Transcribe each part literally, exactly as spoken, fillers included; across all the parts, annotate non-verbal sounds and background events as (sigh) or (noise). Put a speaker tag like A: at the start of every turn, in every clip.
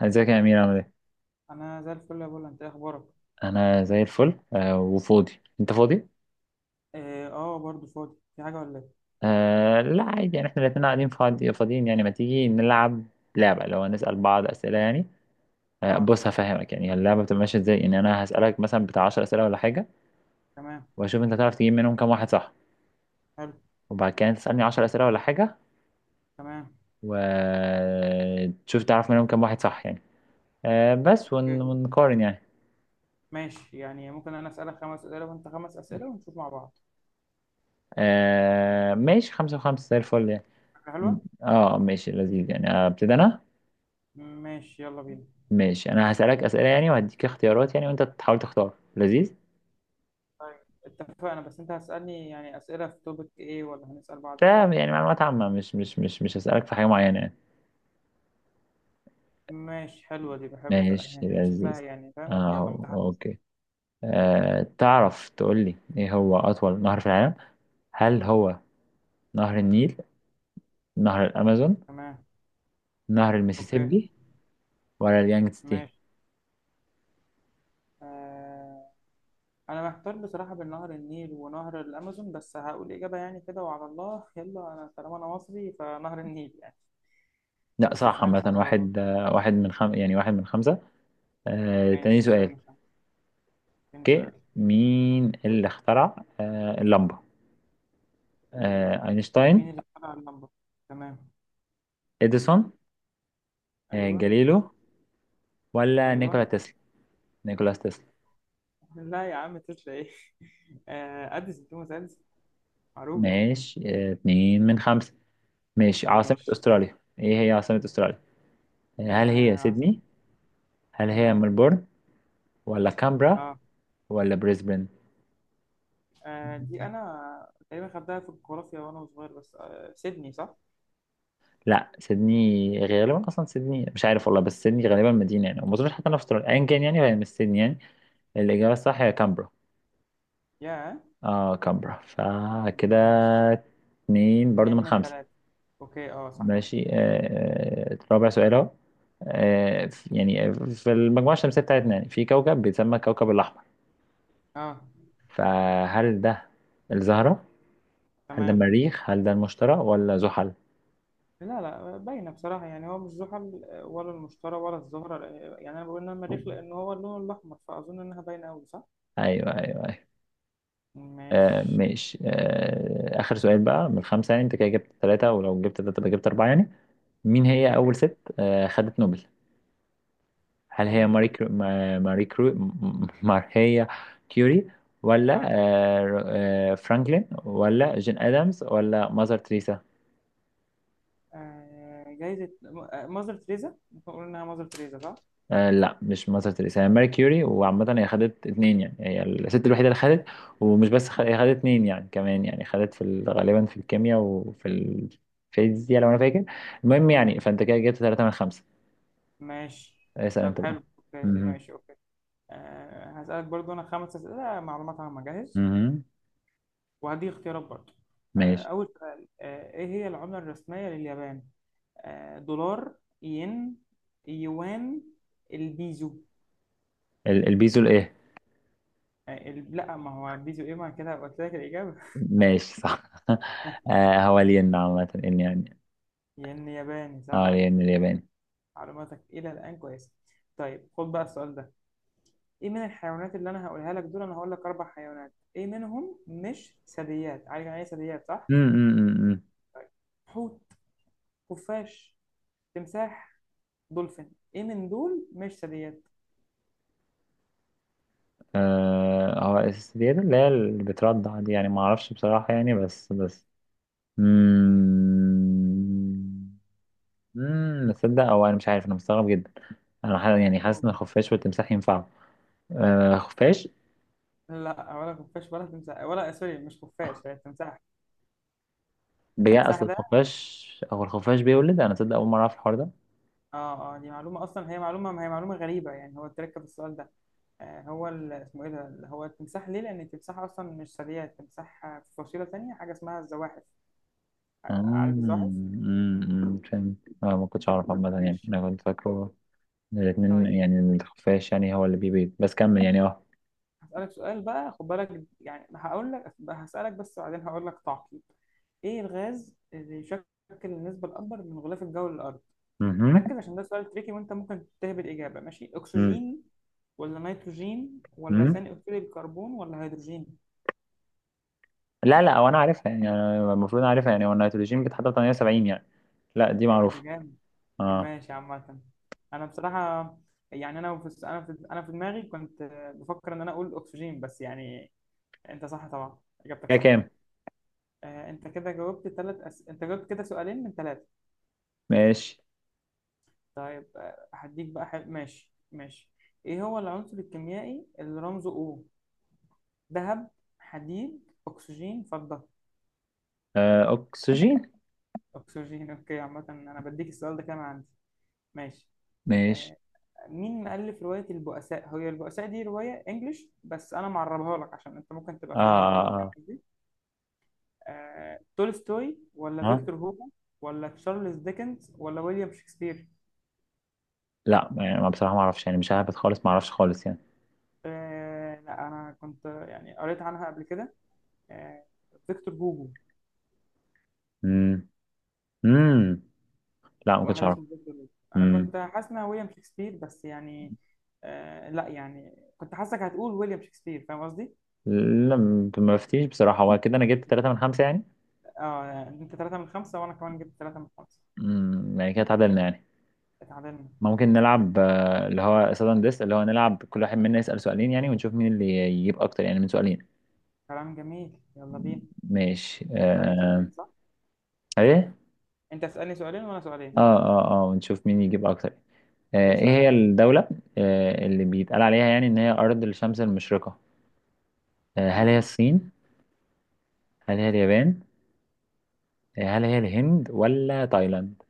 A: ازيك يا امير، عامل ايه؟
B: انا زي الفل يا بولا، انت إيه اخبارك؟
A: انا زي الفل، آه وفاضي. انت فاضي؟
B: اه. آه، برضو فاضي، في حاجه ولا ايه؟
A: آه لا، عادي يعني، احنا الاتنين قاعدين فاضي فاضيين يعني. ما تيجي نلعب لعبه لو هنسال بعض اسئله يعني؟ آه
B: اه.
A: بص، هفهمك يعني اللعبه بتبقى ماشيه ازاي. يعني انا هسالك مثلا بتاع عشر اسئله ولا حاجه،
B: تمام.
A: واشوف انت تعرف تجيب منهم كام واحد صح.
B: حلو.
A: وبعد كده أنت تسالني عشر اسئله ولا حاجه،
B: تمام.
A: وتشوف تعرف منهم كام واحد صح يعني. آه بس
B: اوكي.
A: ون- ونقارن يعني.
B: ماشي، يعني ممكن انا اسالك خمس اسئله وانت خمس اسئله ونشوف مع بعض.
A: آه ماشي، خمسة وخمسة، زي الفل يعني.
B: فكره حلوه.
A: اه ماشي، لذيذ يعني. ابتدي انا.
B: ماشي، يلا بينا.
A: ماشي، انا هسألك أسئلة يعني، وهديك اختيارات يعني، وانت تحاول تختار. لذيذ.
B: طيب. اتفقنا، بس انت هتسالني يعني اسئله في توبك ايه، ولا هنسال بعض في ايه؟
A: فاهم، يعني معلومات عامة، مش مش مش مش هسألك في حاجة معينة يعني.
B: ماشي، حلوه دي بحب ت-
A: ماشي،
B: (laughs) شكلها،
A: لذيذ.
B: يعني فاهم؟ يلا
A: اه
B: متحمس.
A: اوكي. أه تعرف تقول لي ايه هو اطول نهر في العالم؟ هل هو نهر النيل، نهر الامازون،
B: تمام.
A: نهر
B: اوكي.
A: المسيسيبي، ولا اليانجستي؟
B: ماشي. آه انا محتار بصراحه بين نهر النيل ونهر الامازون، بس هقول اجابه يعني كده وعلى الله. يلا، انا طالما انا مصري فنهر النيل يعني.
A: لا،
B: بس
A: صح.
B: مش عارف،
A: عامة،
B: سهل خالص.
A: واحد، آه، واحد من خم... يعني واحد من خمسة. أه تاني
B: ماشي، واحد من
A: سؤال.
B: خمسة تاني
A: اوكي.
B: سؤال.
A: مين اللي اخترع أه اللمبة؟ أه
B: مين
A: اينشتاين،
B: اللي اخترع اللمبه؟ تمام.
A: اديسون، آه،
B: ايوه.
A: جاليلو، ولا نيكولا
B: ايوه.
A: تسلا؟ نيكولاس تسلا.
B: (laughs) لا يا عم، تسلا ايه؟ (laughs) آه، اديسون، توماس اديسون. معروفه.
A: ماشي، آه، اتنين من خمسة. ماشي. عاصمة
B: ماشي.
A: أستراليا، ايه هي عاصمة أستراليا؟ آه، هل هي
B: آه عاصمة.
A: سيدني، هل هي
B: تمام.
A: ملبورن، ولا كامبرا،
B: اه.
A: ولا بريسبن؟
B: آه، دي انا تقريبا خدتها في الجغرافيا وانا صغير، بس آه سيدني صح.
A: لا، سيدني غالبا، اصلا سيدني مش عارف والله، بس سيدني غالبا مدينه يعني، وما اظنش حتى انا في استراليا ايا كان يعني، فهي مش سيدني يعني. الاجابه الصح هي كامبرا.
B: يا.
A: اه كامبرا، فكده
B: ماشي.
A: اتنين برضو
B: اتنين
A: من
B: من
A: خمسه.
B: تلاتة اوكي، اه صح.
A: ماشي. آه، آه، رابع سؤال اهو. آه، ف- يعني في المجموعة الشمسية بتاعتنا يعني، في كوكب بيتسمى الكوكب الأحمر.
B: اه.
A: فهل ده الزهرة، هل ده
B: تمام.
A: المريخ، هل ده المشتري، ولا زحل؟
B: لا، لا، باينه بصراحه، يعني هو مش زحل ولا المشتري ولا الزهره، يعني انا بقول انها مريخ لان هو اللون الاحمر، فاظن انها باينه قوي صح.
A: أيوه أيوه أيوه. آه
B: ماشي.
A: ماشي. آه آخر سؤال بقى من خمسة يعني، أنت كده جبت ثلاثة، ولو جبت ثلاثة يبقى جبت أربعة يعني. مين هي
B: اوكي.
A: أول ست آه خدت نوبل؟ هل هي
B: اول
A: ماري
B: ايه؟
A: كرو... ما- ماري كرو... م- ماريا كيوري، ولا
B: اه،
A: آه، ر- آه، فرانكلين، ولا جين ادمز، ولا ماذر تريسا؟
B: آه. جايزه م- آه، ماذر تريزا، ممكن نقول انها ماذر تريزا صح.
A: آه، لا، مش ماذر تريسا، هي ماري كيوري. وعامة هي خدت اتنين يعني، هي الست الوحيدة اللي خدت. ومش بس خ... هي خدت اتنين يعني، كمان يعني خدت في ال... غالبا في الكيمياء وفي الفيزياء لو انا فاكر. المهم
B: مم.
A: يعني، فانت كده جبت ثلاثة من خمسة.
B: ماشي.
A: اسأل
B: طب
A: انت
B: حلو.
A: بقى.
B: اوكي،
A: مهم.
B: ماشي. اوكي. آه. هسألك برضو انا خمس اسئله معلومات عامه، جاهز؟
A: مهم.
B: وهدي اختيارات برضو. آه.
A: ماشي.
B: اول سؤال. آه. ايه هي العمله الرسميه لليابان؟ آه، دولار. ين. يوان. البيزو.
A: ال- البيزو الايه؟
B: آه، ال- لا، ما هو بيزو ايه، ما كده قلت لك الإجابة.
A: ماشي، صح. (laughs)
B: (laughs)
A: آه هو الين عامة ان يعني.
B: ين ياباني صح؟
A: اه الين الياباني.
B: معلوماتك إلى الآن كويسة. طيب، خد بقى السؤال ده. ايه من الحيوانات اللي انا هقولها لك دول، انا هقول لك اربع حيوانات، ايه منهم مش ثدييات؟ عارف يعني ايه ثدييات صح؟
A: أم، أم، أم، أم.
B: حوت. خفاش. تمساح. دولفين. ايه من دول مش ثدييات؟
A: آه هو السيدة اللي هي اللي بتردع دي يعني، ما اعرفش بصراحة يعني، بس بس. امم امم تصدق، او انا مش عارف، انا مستغرب جدا. انا ح- يعني حاسس ان الخفاش والتمساح ينفعوا. آه خفاش.
B: لا، ولا خفاش ولا تمساح، ولا سوري، مش خفاش، هي التمساح.
A: بجد،
B: التمساح
A: اصل
B: ده.
A: الخفاش، هو الخفاش بيولد؟ انا تصدق اول مرة اعرف الحوار ده.
B: اه، اه، دي معلومة أصلا، هي معلومة، ما هي معلومة غريبة يعني، هو تركب السؤال ده. آه هو ال- اسمه إيه ده اللي هو التمساح ليه؟ لأن التمساح أصلا مش سريع، التمساح آه، في فصيلة تانية، حاجة اسمها الزواحف. آه، عارف
A: امم
B: الزواحف؟
A: أمم، أمم، فهمت. آه ما كنتش اعرف عامة يعني،
B: ماشي.
A: انا كنت فاكره الاتنين
B: طيب.
A: يعني، الخفاش يعني هو اللي بيبيض، بس كمل يعني اه.
B: هسألك سؤال بقى، خد بالك، يعني هقول لك هسألك بس، وبعدين هقول لك تعقيب. إيه الغاز اللي يشكل النسبة الأكبر من غلاف الجو للأرض؟
A: مهم.
B: ركز عشان ده سؤال تريكي، وأنت ممكن تهبد إجابة. ماشي،
A: مم.
B: أكسجين ولا نيتروجين ولا
A: مم.
B: ثاني أكسيد الكربون ولا هيدروجين؟
A: لا لا، هو انا عارفها يعني، أنا المفروض عارفها يعني. هو النيتروجين بيتحط في تمانية وسبعين يعني. لا دي
B: ده
A: معروفة.
B: جامد.
A: اه
B: ماشي عامة. أنا بصراحة، يعني أنا في أنا في أنا في دماغي كنت بفكر إن أنا أقول أكسجين، بس يعني أنت صح طبعا، إجابتك
A: كده
B: صح.
A: كام؟
B: آه، أنت كده جاوبت ثلاث أس... أنت جاوبت كده سؤالين من ثلاثة.
A: ماشي.
B: طيب. آه، هديك بقى حل... ماشي، ماشي. إيه هو العنصر الكيميائي اللي رمزه O؟ ذهب. حديد، أكسجين، فضة.
A: آه اكسجين.
B: أكسجين. أوكي، عامة أنا بديك السؤال ده كمان عندي. ماشي.
A: ماشي.
B: آه، مين مؤلف رواية البؤساء؟ هي البؤساء دي رواية انجلش، بس انا معربها لك عشان انت ممكن
A: اه
B: تبقى فاهمها غلط، فاهم
A: اه
B: قصدي؟ آه، تولستوي ولا
A: اه. آه.
B: فيكتور هوجو ولا تشارلز ديكنز ولا ويليام شكسبير؟
A: لا يعني، ما بصراحة ما اعرفش يعني، مش عارف خالص، ما اعرفش خالص يعني.
B: آه، لا، انا كنت يعني قريت عنها قبل كده. آه، فيكتور هوجو.
A: امم. امم. لا، ما كنتش
B: واحد
A: اعرف.
B: اسمه فيكتور هوجو. انا
A: امم.
B: كنت حاسس انها ويليام شكسبير، بس يعني آه، لا يعني كنت حاسسك هتقول ويليام شكسبير، فاهم قصدي؟
A: لا، ما فتيش بصراحة. هو كده انا جبت ثلاثة من خمسة يعني.
B: اه، انت ثلاثة من خمسة وانا كمان جبت ثلاثة من خمسة.
A: امم يعني كده اتعادلنا يعني.
B: اتعادلنا.
A: ممكن نلعب، آه، اللي هو سادن ديس، اللي هو نلعب كل واحد منا يسأل سؤالين يعني، ونشوف مين اللي يجيب اكتر يعني من سؤالين.
B: كلام جميل، يلا بينا.
A: ماشي.
B: انت تسألني
A: آه...
B: سؤالين صح؟
A: ايه.
B: انت تسألني سؤالين وانا سؤالين.
A: اه اه اه، ونشوف مين يجيب اكتر. آه...
B: ايه،
A: ايه
B: اسأل يا
A: هي
B: معلم.
A: الدولة آه... اللي
B: ايوه.
A: بيتقال عليها يعني ان هي ارض الشمس المشرقة؟ آه... هل هي
B: تمام.
A: الصين، هل هي اليابان، آه... هل هي الهند، ولا تايلاند؟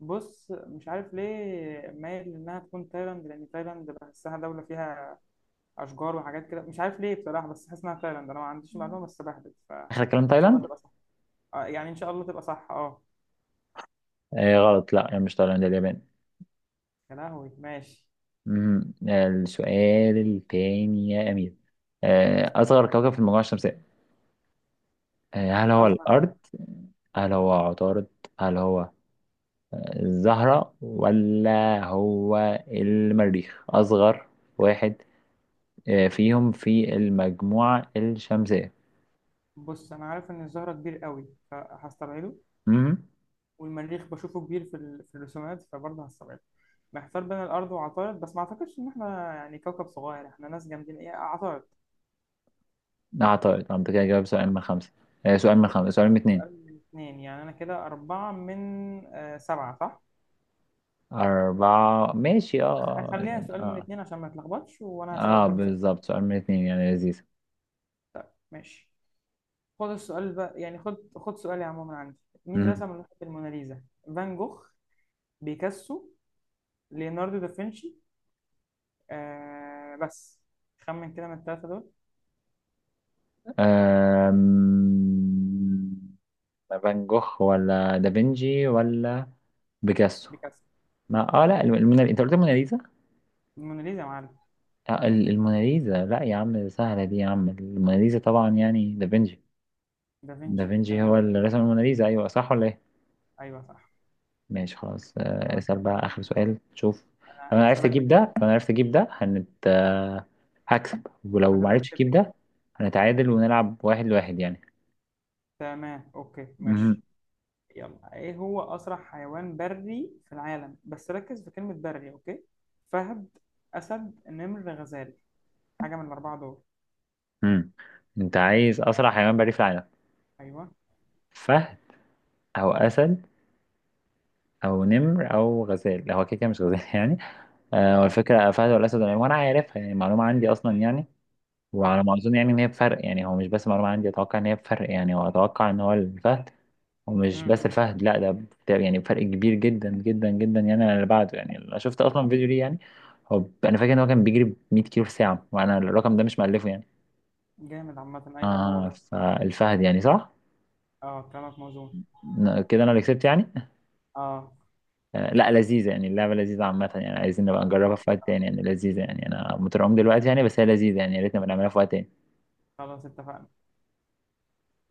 B: بص، مش عارف ليه مايل انها تكون تايلاند، لان تايلاند بحسها دولة فيها اشجار وحاجات كده، مش عارف ليه بصراحة، بس حاسس انها تايلاند، انا ما عنديش معلومة، بس بهبت، ف ان
A: اخر كلام
B: شاء الله
A: تايلاند.
B: تبقى صح. آه يعني ان شاء الله تبقى صح، اه.
A: آه... غلط، لا يعني مش تايلاند، اليابان.
B: يا لهوي، ماشي.
A: مم. آه... السؤال التاني يا امير. آه... اصغر كوكب في المجموعة الشمسية، آه، هل هو
B: اصغر.
A: الأرض، هل
B: تمام.
A: هو عطارد، هل هو الزهرة، ولا هو المريخ؟ أصغر واحد آه، فيهم في المجموعة الشمسية.
B: بص، انا عارف ان الزهرة كبير قوي فهستبعده.
A: مهم.
B: والمريخ بشوفه كبير في, ال... في الرسومات، فبرضه هستبعده. محتار بين الأرض وعطارد، بس ما أعتقدش إن إحنا يعني كوكب صغير، إحنا ناس جامدين. إيه عطارد.
A: أعتقد أنا كده جاوب سؤال من
B: أعتقد.
A: خمسة. آه، سؤال من خمسة، سؤال من اتنين.
B: أقل من اتنين، يعني أنا كده أربعة من آه سبعة صح؟
A: أربعة، ماشي اه. آه،
B: خليها
A: يعني
B: سؤال من
A: اه.
B: اتنين عشان ما نتلخبطش، وأنا هسألك
A: اه
B: برضه سؤال.
A: بالظبط، سؤال من اتنين يعني، لذيذ.
B: ماشي. خد السؤال بقى، يعني خد خد سؤالي عموما عندي. مين
A: مهم.
B: رسم لوحة الموناليزا؟ فان جوخ. بيكاسو. ليوناردو دافنشي. آه بس خمن كده من التلاتة دول.
A: آم، فان جوخ، ولا دافنشي، ولا بيكاسو؟
B: بيكاسو.
A: ما اه لا، الم- المونا- انت قلت الموناليزا؟
B: الموناليزا يا معلم.
A: آه، ال- الموناليزا؟ لا يا عم، سهلة دي يا عم. الموناليزا طبعا يعني دافنشي.
B: دافنشي
A: دافنشي
B: كلامك.
A: هو اللي رسم الموناليزا، ايوه صح ولا ايه؟
B: ايوه صح.
A: ماشي، خلاص. آه،
B: كلامك
A: اسأل بقى اخر
B: مظبوط.
A: سؤال، شوف. لو
B: انا
A: انا عرفت
B: هسألك.
A: اجيب ده لو انا عرفت اجيب ده هنت. آه، هكسب، ولو ما
B: هتبقى
A: عرفتش
B: كسبت.
A: اجيب ده هنتعادل، ونلعب واحد لواحد يعني.
B: تمام. اوكي. ماشي.
A: مهم.
B: يلا، ايه هو اسرع حيوان بري في العالم؟ بس ركز في كلمة بري، اوكي. فهد. اسد، نمر، غزال. حاجة من الاربعة دول.
A: مم. انت عايز اسرع حيوان بري في العالم؟
B: ايوه.
A: فهد، او اسد، او نمر، او غزال. هو كده كده مش غزال (laughs) يعني. آه،
B: ايوه.
A: والفكرة فهد والأسد والعنب، وأنا عارفها يعني معلومة عندي أصلا يعني. وعلى ما
B: اه.
A: أظن يعني إن هي بفرق يعني، هو مش بس معلومة عندي، أتوقع إن هي بفرق يعني، وأتوقع إن هو الفهد. ومش
B: امم.
A: بس الفهد لأ، ده بت- يعني بفرق كبير جدا جدا جدا يعني عن اللي بعده يعني، أنا شفت أصلا فيديو ليه يعني. هو ب- أنا فاكر إن هو كان بيجري ب مئة كيلو في الساعة، وأنا الرقم ده مش مألفه يعني.
B: جامد عامة، ايوه هو
A: آه
B: ده.
A: فالفهد يعني، صح؟
B: اه، كلامك موزون.
A: ن- كده أنا اللي كسبت يعني.
B: اه.
A: آه لأ لذيذة يعني اللعبة، لذيذة عامة يعني، عايزين
B: انا
A: نبقى نجربها
B: انبسطت
A: في وقت تاني
B: بصراحة.
A: يعني، لذيذة يعني أنا مترعوب دلوقتي يعني، بس هي لذيذة يعني، يا ريت نبقى نعملها في وقت تاني.
B: خلاص، اتفقنا.